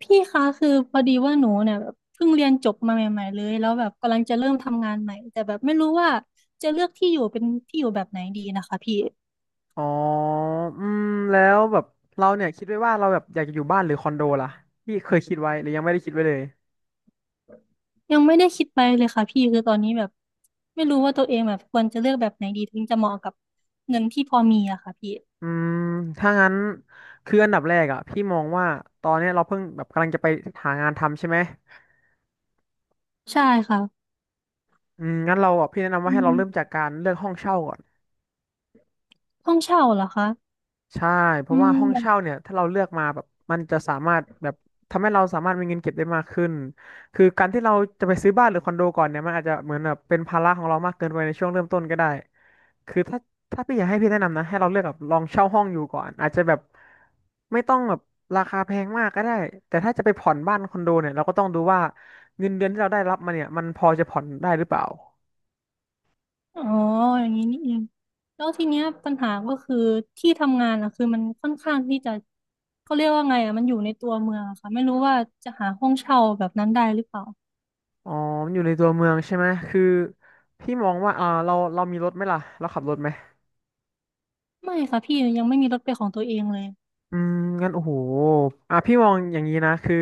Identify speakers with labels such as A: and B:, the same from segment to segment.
A: พี่คะคือพอดีว่าหนูเนี่ยแบบเพิ่งเรียนจบมาใหม่ๆเลยแล้วแบบกำลังจะเริ่มทำงานใหม่แต่แบบไม่รู้ว่าจะเลือกที่อยู่เป็นที่อยู่แบบไหนดีนะคะพี่
B: อ๋ออืม แล้วแบบเราเนี่ยคิดไว้ว่าเราแบบอยากจะอยู่บ้านหรือคอนโดล่ะพี่เคยคิดไว้หรือยังไม่ได้คิดไว้เลย
A: ยังไม่ได้คิดไปเลยค่ะพี่คือตอนนี้แบบไม่รู้ว่าตัวเองแบบควรจะเลือกแบบไหนดีถึงจะเหมาะกับเงินที่พอมีอะค่ะพี่
B: อืม ถ้างั้นคืออันดับแรกอ่ะพี่มองว่าตอนเนี้ยเราเพิ่งแบบกำลังจะไปหางานทำใช่ไหม
A: ใช่ค่ะ
B: อืม งั้นเราอ่ะพี่แนะนำว่า
A: อื
B: ให้เรา
A: ม
B: เริ่มจากการเลือกห้องเช่าก่อน
A: ห้องเช่าเหรอคะ
B: ใช่เพ
A: อื
B: ราะว่าห้องเช่า
A: ม
B: เนี่ยถ้าเราเลือกมาแบบมันจะสามารถแบบทำให้เราสามารถมีเงินเก็บได้มากขึ้นคือการที่เราจะไปซื้อบ้านหรือคอนโดก่อนเนี่ยมันอาจจะเหมือนแบบเป็นภาระของเรามากเกินไปในช่วงเริ่มต้นก็ได้คือถ้าพี่อยากให้พี่แนะนำนะให้เราเลือกแบบลองเช่าห้องอยู่ก่อนอาจจะแบบไม่ต้องแบบราคาแพงมากก็ได้แต่ถ้าจะไปผ่อนบ้านคอนโดเนี่ยเราก็ต้องดูว่าเงินเดือนที่เราได้รับมาเนี่ยมันพอจะผ่อนได้หรือเปล่า
A: อ๋ออย่างนี้นี่เองแล้วทีเนี้ยปัญหาก็คือที่ทำงานอะคือมันค่อนข้างที่จะเขาเรียกว่าไงอะมันอยู่ในตัวเมืองอะค่ะไม่รู้ว่าจะหาห้องเช่าแบบนั้นได้หรือเปล่า
B: อ๋อมันอยู่ในตัวเมืองใช่ไหมคือพี่มองว่าเรามีรถไหมล่ะเราขับรถไหม
A: ไม่ค่ะพี่ยังไม่มีรถเป็นของตัวเองเลย
B: อืมงั้นโอ้โหอ่ะพี่มองอย่างนี้นะคือ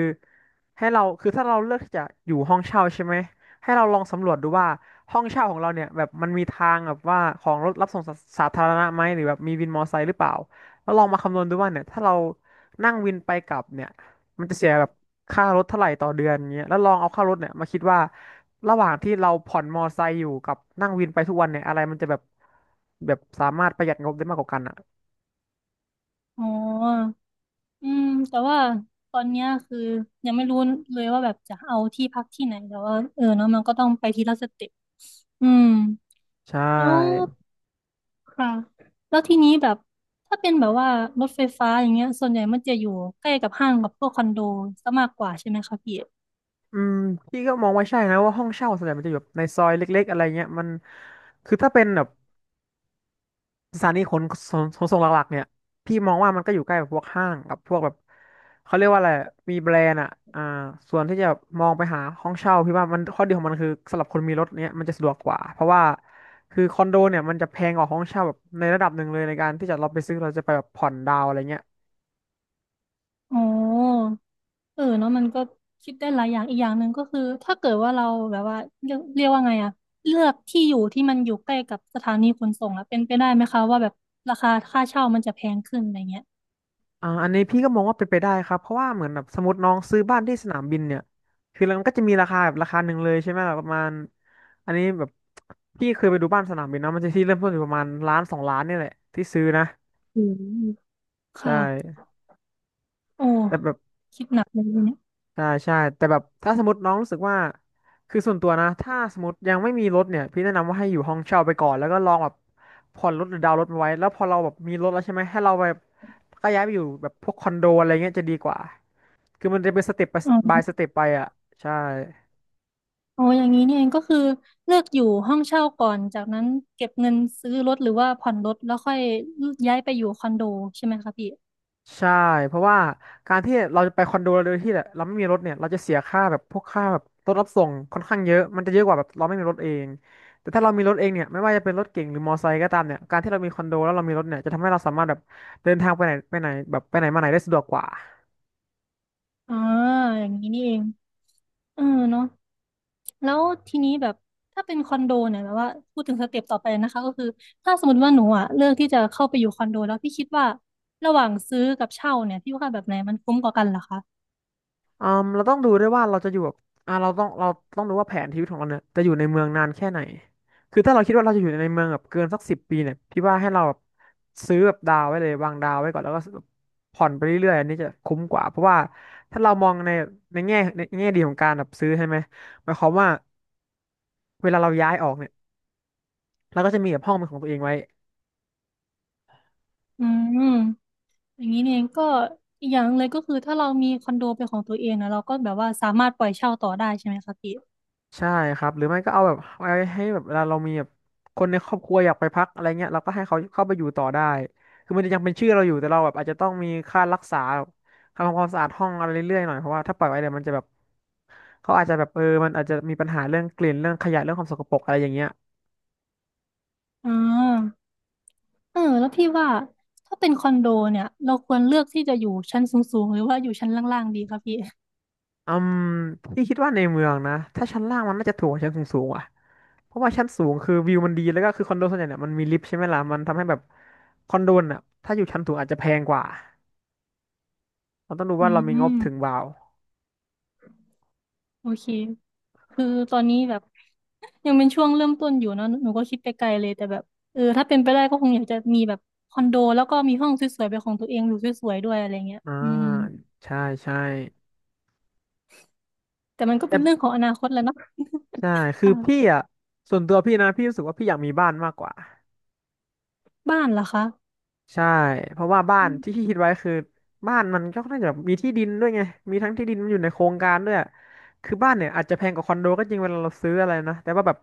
B: ให้เราคือถ้าเราเลือกที่จะอยู่ห้องเช่าใช่ไหมให้เราลองสำรวจดูว่าห้องเช่าของเราเนี่ยแบบมันมีทางแบบว่าของรถรับส่งสาธารณะไหมหรือแบบมีวินมอเตอร์ไซค์หรือเปล่าแล้วลองมาคำนวณดูว่าเนี่ยถ้าเรานั่งวินไปกลับเนี่ยมันจะเสียแบบค่ารถเท่าไหร่ต่อเดือนเงี้ยแล้วลองเอาค่ารถเนี่ยมาคิดว่าระหว่างที่เราผ่อนมอเตอร์ไซค์อยู่กับนั่งวินไปทุกวันเนี่ยอะไรมันจะแบบสามารถประหยัดงบได้มากกว่ากันอ่ะ
A: อ๋ออืมแต่ว่าตอนเนี้ยคือยังไม่รู้เลยว่าแบบจะเอาที่พักที่ไหนแต่ว่าเออเนาะมันก็ต้องไปทีละสเต็ปอืม
B: ใช
A: อ๋อ
B: ่
A: ค่ะแล้วทีนี้แบบถ้าเป็นแบบว่ารถไฟฟ้าอย่างเงี้ยส่วนใหญ่มันจะอยู่ใกล้กับห้างกับพวกคอนโดซะมากกว่าใช่ไหมคะพี่
B: อืมพี่ก็มองว่าใช่นะว่าห้องเช่าส่วนใหญ่มันจะอยู่แบบในซอยเล็กๆอะไรเงี้ยมันคือถ้าเป็นแบบสถานีขนส่งหลักๆเนี่ยพี่มองว่ามันก็อยู่ใกล้แบบพวกห้างกับพวกแบบเขาเรียกว่าอะไรมีแบรนด์อ่ะอ่าส่วนที่จะมองไปหาห้องเช่าพี่ว่ามันข้อดีของมันคือสำหรับคนมีรถเนี่ยมันจะสะดวกกว่าเพราะว่าคือคอนโดเนี่ยมันจะแพงกว่าห้องเช่าแบบในระดับหนึ่งเลยในการที่จะเราไปซื้อเราจะไปแบบผ่อนดาวอะไรเงี้ย
A: อ๋อเออเนาะมันก็คิดได้หลายอย่างอีกอย่างหนึ่งก็คือถ้าเกิดว่าเราแบบว่าเรียกว่าไงอะเลือกที่อยู่ที่มันอยู่ใกล้กับสถานีขนส่งแล้วเป็นไปได้ไหมคะว่าแบบราคาค่าเช่ามันจะแพงขึ้นอะไรเงี้ย
B: อ่าอันนี้พี่ก็มองว่าเป็นไปได้ครับเพราะว่าเหมือนแบบสมมติน้องซื้อบ้านที่สนามบินเนี่ยคือแล้วมันก็จะมีราคาแบบราคาหนึ่งเลยใช่ไหมล่ะประมาณอันนี้แบบพี่เคยไปดูบ้านสนามบินนะมันจะที่เริ่มต้นอยู่ประมาณล้านสองล้านเนี่ยแหละที่ซื้อนะ
A: อืม
B: ใช่
A: ค่ะโอ้
B: แต่แบบ
A: คิดหนักเลยทีเนี่ย
B: ใช่ใช่แต่แบบถ้าสมมติน้องรู้สึกว่าคือส่วนตัวนะถ้าสมมติยังไม่มีรถเนี่ยพี่แนะนำว่าให้อยู่ห้องเช่าไปก่อนแล้วก็ลองแบบผ่อนรถหรือดาวน์รถมาไว้แล้วพอเราแบบมีรถแล้วใช่ไหมให้เราแบบก็ย้ายไปอยู่แบบพวกคอนโดอะไรเงี้ยจะดีกว่า คือมันจะเป็นสเต็ปไปบายสเต็ปไปอ่ะใช่
A: อ๋ออย่างนี้นี่เองก็คือเลือกอยู่ห้องเช่าก่อนจากนั้นเก็บเงินซื้อรถหรือว่าผ่อนรถแล้วค่อยย้ายไปอยู่คอนโดใช่ไหมคะพี่
B: ใช่เพราะว่าการที่เราจะไปคอนโดโดยที่เราไม่มีรถเนี่ยเราจะเสียค่าแบบพวกค่าแบบรถรับส่งค่อนข้างเยอะมันจะเยอะกว่าแบบเราไม่มีรถเองแต่ถ้าเรามีรถเองเนี่ยไม่ว่าจะเป็นรถเก๋งหรือมอไซค์ก็ตามเนี่ยการที่เรามีคอนโดแล้วเรามีรถเนี่ยจะทำให้เราสามารถแบบเดินทางไปไหนไปไหนแบบไปไหนมาไหนได้สะดวกกว่า
A: อ่าอย่างนี้นี่เองเออเนาะแล้วทีนี้แบบถ้าเป็นคอนโดเนี่ยแบบว่าพูดถึงสเต็ปต่อไปนะคะก็คือถ้าสมมติว่าหนูอ่ะเลือกที่จะเข้าไปอยู่คอนโดแล้วพี่คิดว่าระหว่างซื้อกับเช่าเนี่ยพี่ว่าแบบไหนมันคุ้มกว่ากันเหรอคะ
B: อืมเราต้องดูด้วยว่าเราจะอยู่แบบอ่าเราต้องดูว่าแผนชีวิตของเราเนี่ยจะอยู่ในเมืองนานแค่ไหนคือถ้าเราคิดว่าเราจะอยู่ในเมืองแบบเกินสัก10 ปีเนี่ยพี่ว่าให้เราแบบซื้อแบบดาวไว้เลยวางดาวไว้ก่อนแล้วก็แบบผ่อนไปเรื่อยๆอันนี้จะคุ้มกว่าเพราะว่าถ้าเรามองในในแง่ดีของการแบบซื้อใช่ไหมหมายความว่าเวลาเราย้ายออกเนี่ยเราก็จะมีแบบห้องเป็นของตัวเองไว้
A: อืมอย่างนี้นี่เองก็อีกอย่างหนึ่งเลยก็คือถ้าเรามีคอนโดเป็นของตัวเองนะเราก็แบบว่าสามารถปล่อยเช่าต่อได้ใช่ไหมคะพี่
B: ใช่ครับหรือไม่ก็เอาแบบไว้ให้แบบเวลาเรามีแบบคนในครอบครัวอยากไปพักอะไรเงี้ยเราก็ให้เขาเข้าไปอยู่ต่อได้คือมันจะยังเป็นชื่อเราอยู่แต่เราแบบอาจจะต้องมีค่ารักษาค่าทำความสะอาดห้องอะไรเรื่อยๆหน่อยเพราะว่าถ้าปล่อยไว้เดี๋ยวมันจะแบบเขาอาจจะแบบเออมันอาจจะมีปัญหาเรื่องกลิ่นเรื่องขยะเรื่องความสกปรกอะไรอย่างเงี้ย
A: อ่าเออแล้วพี่ว่าถ้าเป็นคอนโดเนี่ยเราควรเลือกที่จะอยู่ชั้นสูงๆหรือว่าอยู่ชั้นล่างๆดีครับพี่
B: อืมพี่คิดว่าในเมืองนะถ้าชั้นล่างมันน่าจะถูกกว่าชั้นสูงๆอ่ะเพราะว่าชั้นสูงคือวิวมันดีแล้วก็คือคอนโดส่วนใหญ่เนี่ยมันมีลิฟต์ใช่ไหมล่ะมันทำให้แบบคอนโดน่ะถ้าอยู่ชั้นสูงอาจจะแพงกว่า เราต้องดู
A: อื
B: ว่าเรามีงบ
A: ม
B: ถึงเปล่า
A: โอเค คือตอนนี้แบบยังเป็นช่วงเริ่มต้นอยู่เนาะหนูก็คิดไปไกลเลยแต่แบบเออถ้าเป็นไปได้ก็คงอยากจะมีแบบคอนโดแล้วก็มีห้องสวยๆเป็นของตัวเองอยู่สวยๆด้วยอะไรเงี้ย
B: อ่า
A: อืม
B: ใช่ใช่
A: แต่มันก็
B: แต่
A: เป็นเรื่องของอนาคตแหล้วเนาะ
B: ใช่ คือ
A: ค่ะ
B: พี่อ่ะส่วนตัวพี่นะพี่รู้สึกว่าพี่อยากมีบ้านมากกว่า
A: บ้านเหรอคะ
B: ใช่เพราะว่าบ้า
A: อื
B: นที่
A: ม
B: พี่คิดไว้คือบ้านมันก็น่าจะแบบมีที่ดินด้วยไงมีทั้งที่ดินมันอยู่ในโครงการด้วยคือบ้านเนี่ยอาจจะแพงกว่าคอนโดก็จริงเวลาเราซื้ออะไรนะแต่ว่าแบบ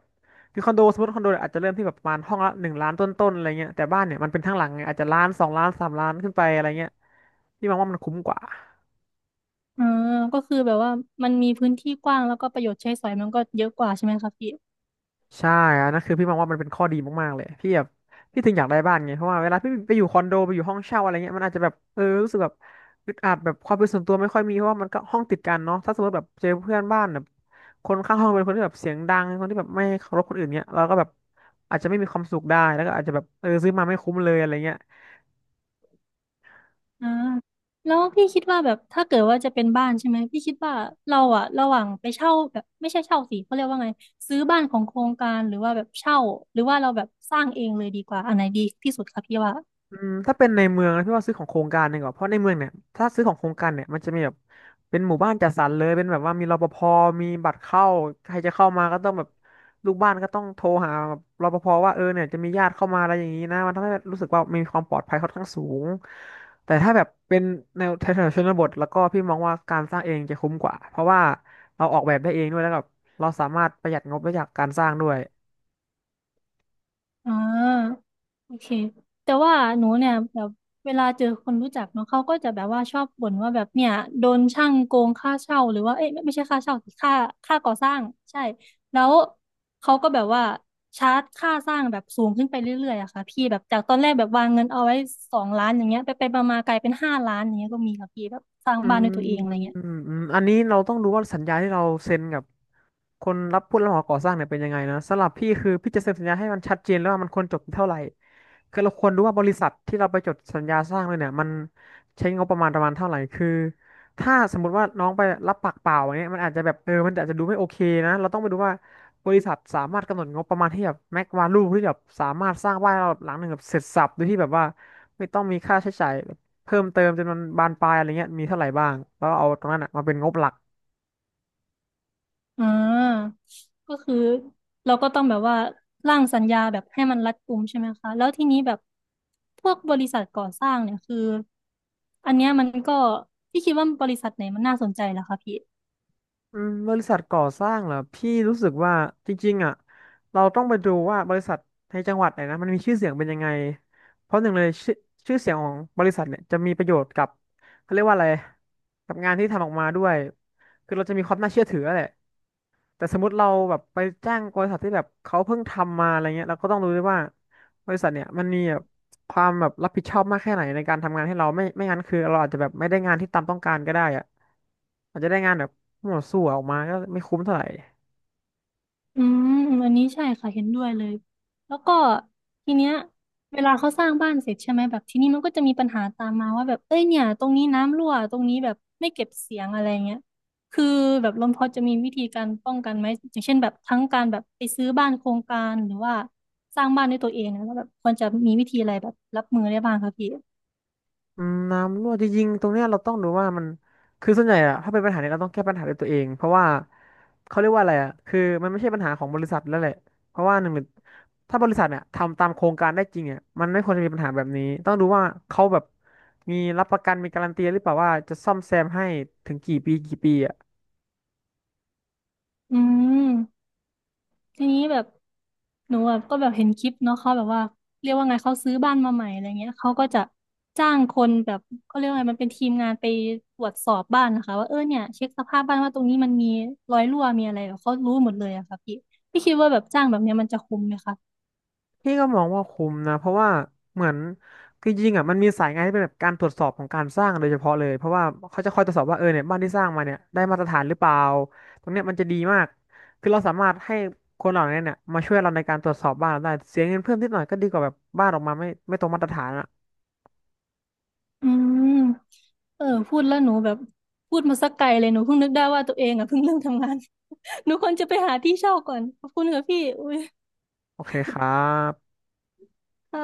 B: คือคอนโดสมมติคอนโดเนี่ยอาจจะเริ่มที่แบบประมาณห้องละหนึ่งล้านต้นๆอะไรเงี้ยแต่บ้านเนี่ยมันเป็นทั้งหลังไงอาจจะล้านสองล้านสามล้านขึ้นไปอะไรเงี้ยพี่มองว่ามันคุ้มกว่า
A: อ่าก็คือแบบว่ามันมีพื้นที่กว้างแล้วก็ประโยชน์ใช้สอยมันก็เยอะกว่าใช่ไหมคะพี่
B: ใช่อันนั้นคือพี่มองว่ามันเป็นข้อดีมากๆเลยพี่แบบพี่ถึงอยากได้บ้านไงเพราะว่าเวลาพี่ไปอยู่คอนโดไปอยู่ห้องเช่าอะไรเงี้ยมันอาจจะแบบเออรู้สึกแบบอึดอัดแบบความเป็นส่วนตัวไม่ค่อยมีเพราะว่ามันก็ห้องติดกันเนาะถ้าสมมติแบบเจอเพื่อนบ้านแบบคนข้างห้องเป็นคนที่แบบเสียงดังคนที่แบบไม่เคารพคนอื่นเนี้ยเราก็แบบอาจจะไม่มีความสุขได้แล้วก็อาจจะแบบเออซื้อมาไม่คุ้มเลยอะไรเงี้ย
A: อ่าแล้วพี่คิดว่าแบบถ้าเกิดว่าจะเป็นบ้านใช่ไหมพี่คิดว่าเราอะระหว่างไปเช่าแบบไม่ใช่เช่าสิเขาเรียกว่าไงซื้อบ้านของโครงการหรือว่าแบบเช่าหรือว่าเราแบบสร้างเองเลยดีกว่าอันไหนดีที่สุดคะพี่ว่า
B: อืมถ้าเป็นในเมืองนะพี่ว่าซื้อของโครงการดีกว่าเพราะในเมืองเนี่ยถ้าซื้อของโครงการเนี่ยมันจะมีแบบเป็นหมู่บ้านจัดสรรเลยเป็นแบบว่ามีรปภมีบัตรเข้าใครจะเข้ามาก็ต้องแบบลูกบ้านก็ต้องโทรหาแบบรปภว่าเออเนี่ยจะมีญาติเข้ามาอะไรอย่างนี้นะมันทำให้รู้สึกว่ามีความปลอดภัยค่อนข้างสูงแต่ถ้าแบบเป็นแนวแถวๆชนบทแล้วก็พี่มองว่าการสร้างเองจะคุ้มกว่าเพราะว่าเราออกแบบได้เองด้วยแล้วแบบเราสามารถประหยัดงบได้จากการสร้างด้วย
A: อ่าโอเคแต่ว่าหนูเนี่ยแบบเวลาเจอคนรู้จักเนาะเขาก็จะแบบว่าชอบบ่นว่าแบบเนี่ยโดนช่างโกงค่าเช่าหรือว่าเอ้ยไม่ใช่ค่าเช่าสิค่าค่าก่อสร้างใช่แล้วเขาก็แบบว่าชาร์จค่าสร้างแบบสูงขึ้นไปเรื่อยๆอะค่ะพี่แบบจากตอนแรกแบบวางเงินเอาไว้2 ล้านอย่างเงี้ยไปไปมามากลายเป็น5 ล้านอย่างเงี้ยก็มีค่ะพี่แบบสร้าง
B: อื
A: บ้าน
B: ม
A: ด้วยตัวเองอะไรเงี้ย
B: อืมอืมอันนี้เราต้องรู้ว่าสัญญาที่เราเซ็นกับคนรับผู้รับเหมาก่อสร้างเนี่ยเป็นยังไงนะสำหรับพี่คือพี่จะเซ็นสัญญาให้มันชัดเจนแล้วว่ามันควรจบเท่าไหร่คือเราควรรู้ว่าบริษัทที่เราไปจดสัญญาสร้างเลยเนี่ยมันใช้งบประมาณประมาณเท่าไหร่คือถ้าสมมติว่าน้องไปรับปากเปล่าอย่างเงี้ยมันอาจจะแบบเออมันอาจจะดูไม่โอเคนะเราต้องไปดูว่าบริษัทสามารถกำหนดงบประมาณที่แบบแม็กวาลูที่แบบสามารถสร้างบ้านหลังหนึ่งแบบเสร็จสรรพโดยที่แบบว่าไม่ต้องมีค่าใช้จ่าย เพิ่มเติมจนมันบานปลายอะไรเงี้ยมีเท่าไหร่บ้างแล้วเอาตรงนั้นอ่ะมาเป็นงบหลัก
A: อ่าก็คือเราก็ต้องแบบว่าร่างสัญญาแบบให้มันรัดกุมใช่ไหมคะแล้วทีนี้แบบพวกบริษัทก่อสร้างเนี่ยคืออันเนี้ยมันก็พี่คิดว่าบริษัทไหนมันน่าสนใจล่ะคะพี่
B: อืมบริษัทก่อสร้างเหรอพี่รู้สึกว่าจริงๆอ่ะเราต้องไปดูว่าบริษัทในจังหวัดไหนนะมันมีชื่อเสียงเป็นยังไงเพราะหนึ่งเลยชื่อเสียงของบริษัทเนี่ยจะมีประโยชน์กับเขาเรียกว่าอะไรกับงานที่ทำออกมาด้วยคือเราจะมีความน่าเชื่อถือแหละ แต่สมมติเราแบบไปจ้างบริษัทที่แบบเขาเพิ่งทำมาอะไรเงี้ยเราก็ต้องรู้ด้วยว่าบริษัทเนี่ยมันมีแบบความแบบรับผิดชอบมากแค่ไหนในการทำงานให้เราไม่งั้นคือเราอาจจะแบบไม่ได้งานที่ตามต้องการก็ได้อะอาจจะได้งานแบบมั่วซั่วออกมาก็ไม่คุ้มเท่าไหร่
A: อืมอันนี้ใช่ค่ะเห็นด้วยเลยแล้วก็ทีเนี้ยเวลาเขาสร้างบ้านเสร็จใช่ไหมแบบทีนี้มันก็จะมีปัญหาตามมาว่าแบบเอ้ยเนี่ยตรงนี้น้ำรั่วตรงนี้แบบไม่เก็บเสียงอะไรเงี้ยคือแบบลมพอจะมีวิธีการป้องกันไหมอย่างเช่นแบบทั้งการแบบไปซื้อบ้านโครงการหรือว่าสร้างบ้านด้วยตัวเองนะแล้วแบบควรจะมีวิธีอะไรแบบรับมือได้บ้างคะพี่
B: อืมน้ำรั่วจริงๆตรงเนี้ยเราต้องดูว่ามันคือส่วนใหญ่อะถ้าเป็นปัญหาเนี้ยเราต้องแก้ปัญหาด้วยตัวเองเพราะว่าเขาเรียกว่าอะไรอะคือมันไม่ใช่ปัญหาของบริษัทแล้วแหละเพราะว่าหนึ่งเลยถ้าบริษัทเนี่ยทำตามโครงการได้จริงเนี่ยมันไม่ควรจะมีปัญหาแบบนี้ต้องดูว่าเขาแบบมีรับประกันมีการันตีหรือเปล่าว่าจะซ่อมแซมให้ถึงกี่ปีกี่ปีอะ
A: อืม ทีนี้แบบหนูแบบก็แบบเห็นคลิปเนาะเขาแบบว่าเรียกว่าไงเขาซื้อบ้านมาใหม่อะไรเงี้ยเขาก็จะจ้างคนแบบเขาเรียกว่าไงมันเป็นทีมงานไปตรวจสอบบ้านนะคะว่าเออเนี่ยเช็คสภาพบ้านว่าตรงนี้มันมีรอยรั่วมีอะไรแบบเขารู้หมดเลยอะค่ะพี่พี่คิดว่าแบบจ้างแบบเนี้ยมันจะคุ้มไหมคะ
B: พี่ก็มองว่าคุ้มนะเพราะว่าเหมือนคือจริงๆอ่ะมันมีสายงานที่เป็นแบบการตรวจสอบของการสร้างโดยเฉพาะเลยเพราะว่าเขาจะคอยตรวจสอบว่าเออเนี่ยบ้านที่สร้างมาเนี่ยได้มาตรฐานหรือเปล่าตรงเนี้ยมันจะดีมากคือเราสามารถให้คนเหล่านี้เนี่ยมาช่วยเราในการตรวจสอบบ้านเราได้เสียเงินเพิ่มนิดหน่อยก็ดีกว่าแบบบ้านออกมาไม่ตรงมาตรฐานอ่ะ
A: อืมเออพูดแล้วหนูแบบพูดมาสักไกลเลยหนูเพิ่งนึกได้ว่าตัวเองอะเพิ่งเริ่มทำงาน หนูควรจะไปหาที่เช่าก่อนขอบคุณค่ะพี่อุ้ย
B: โอเคครับ
A: ค่ะ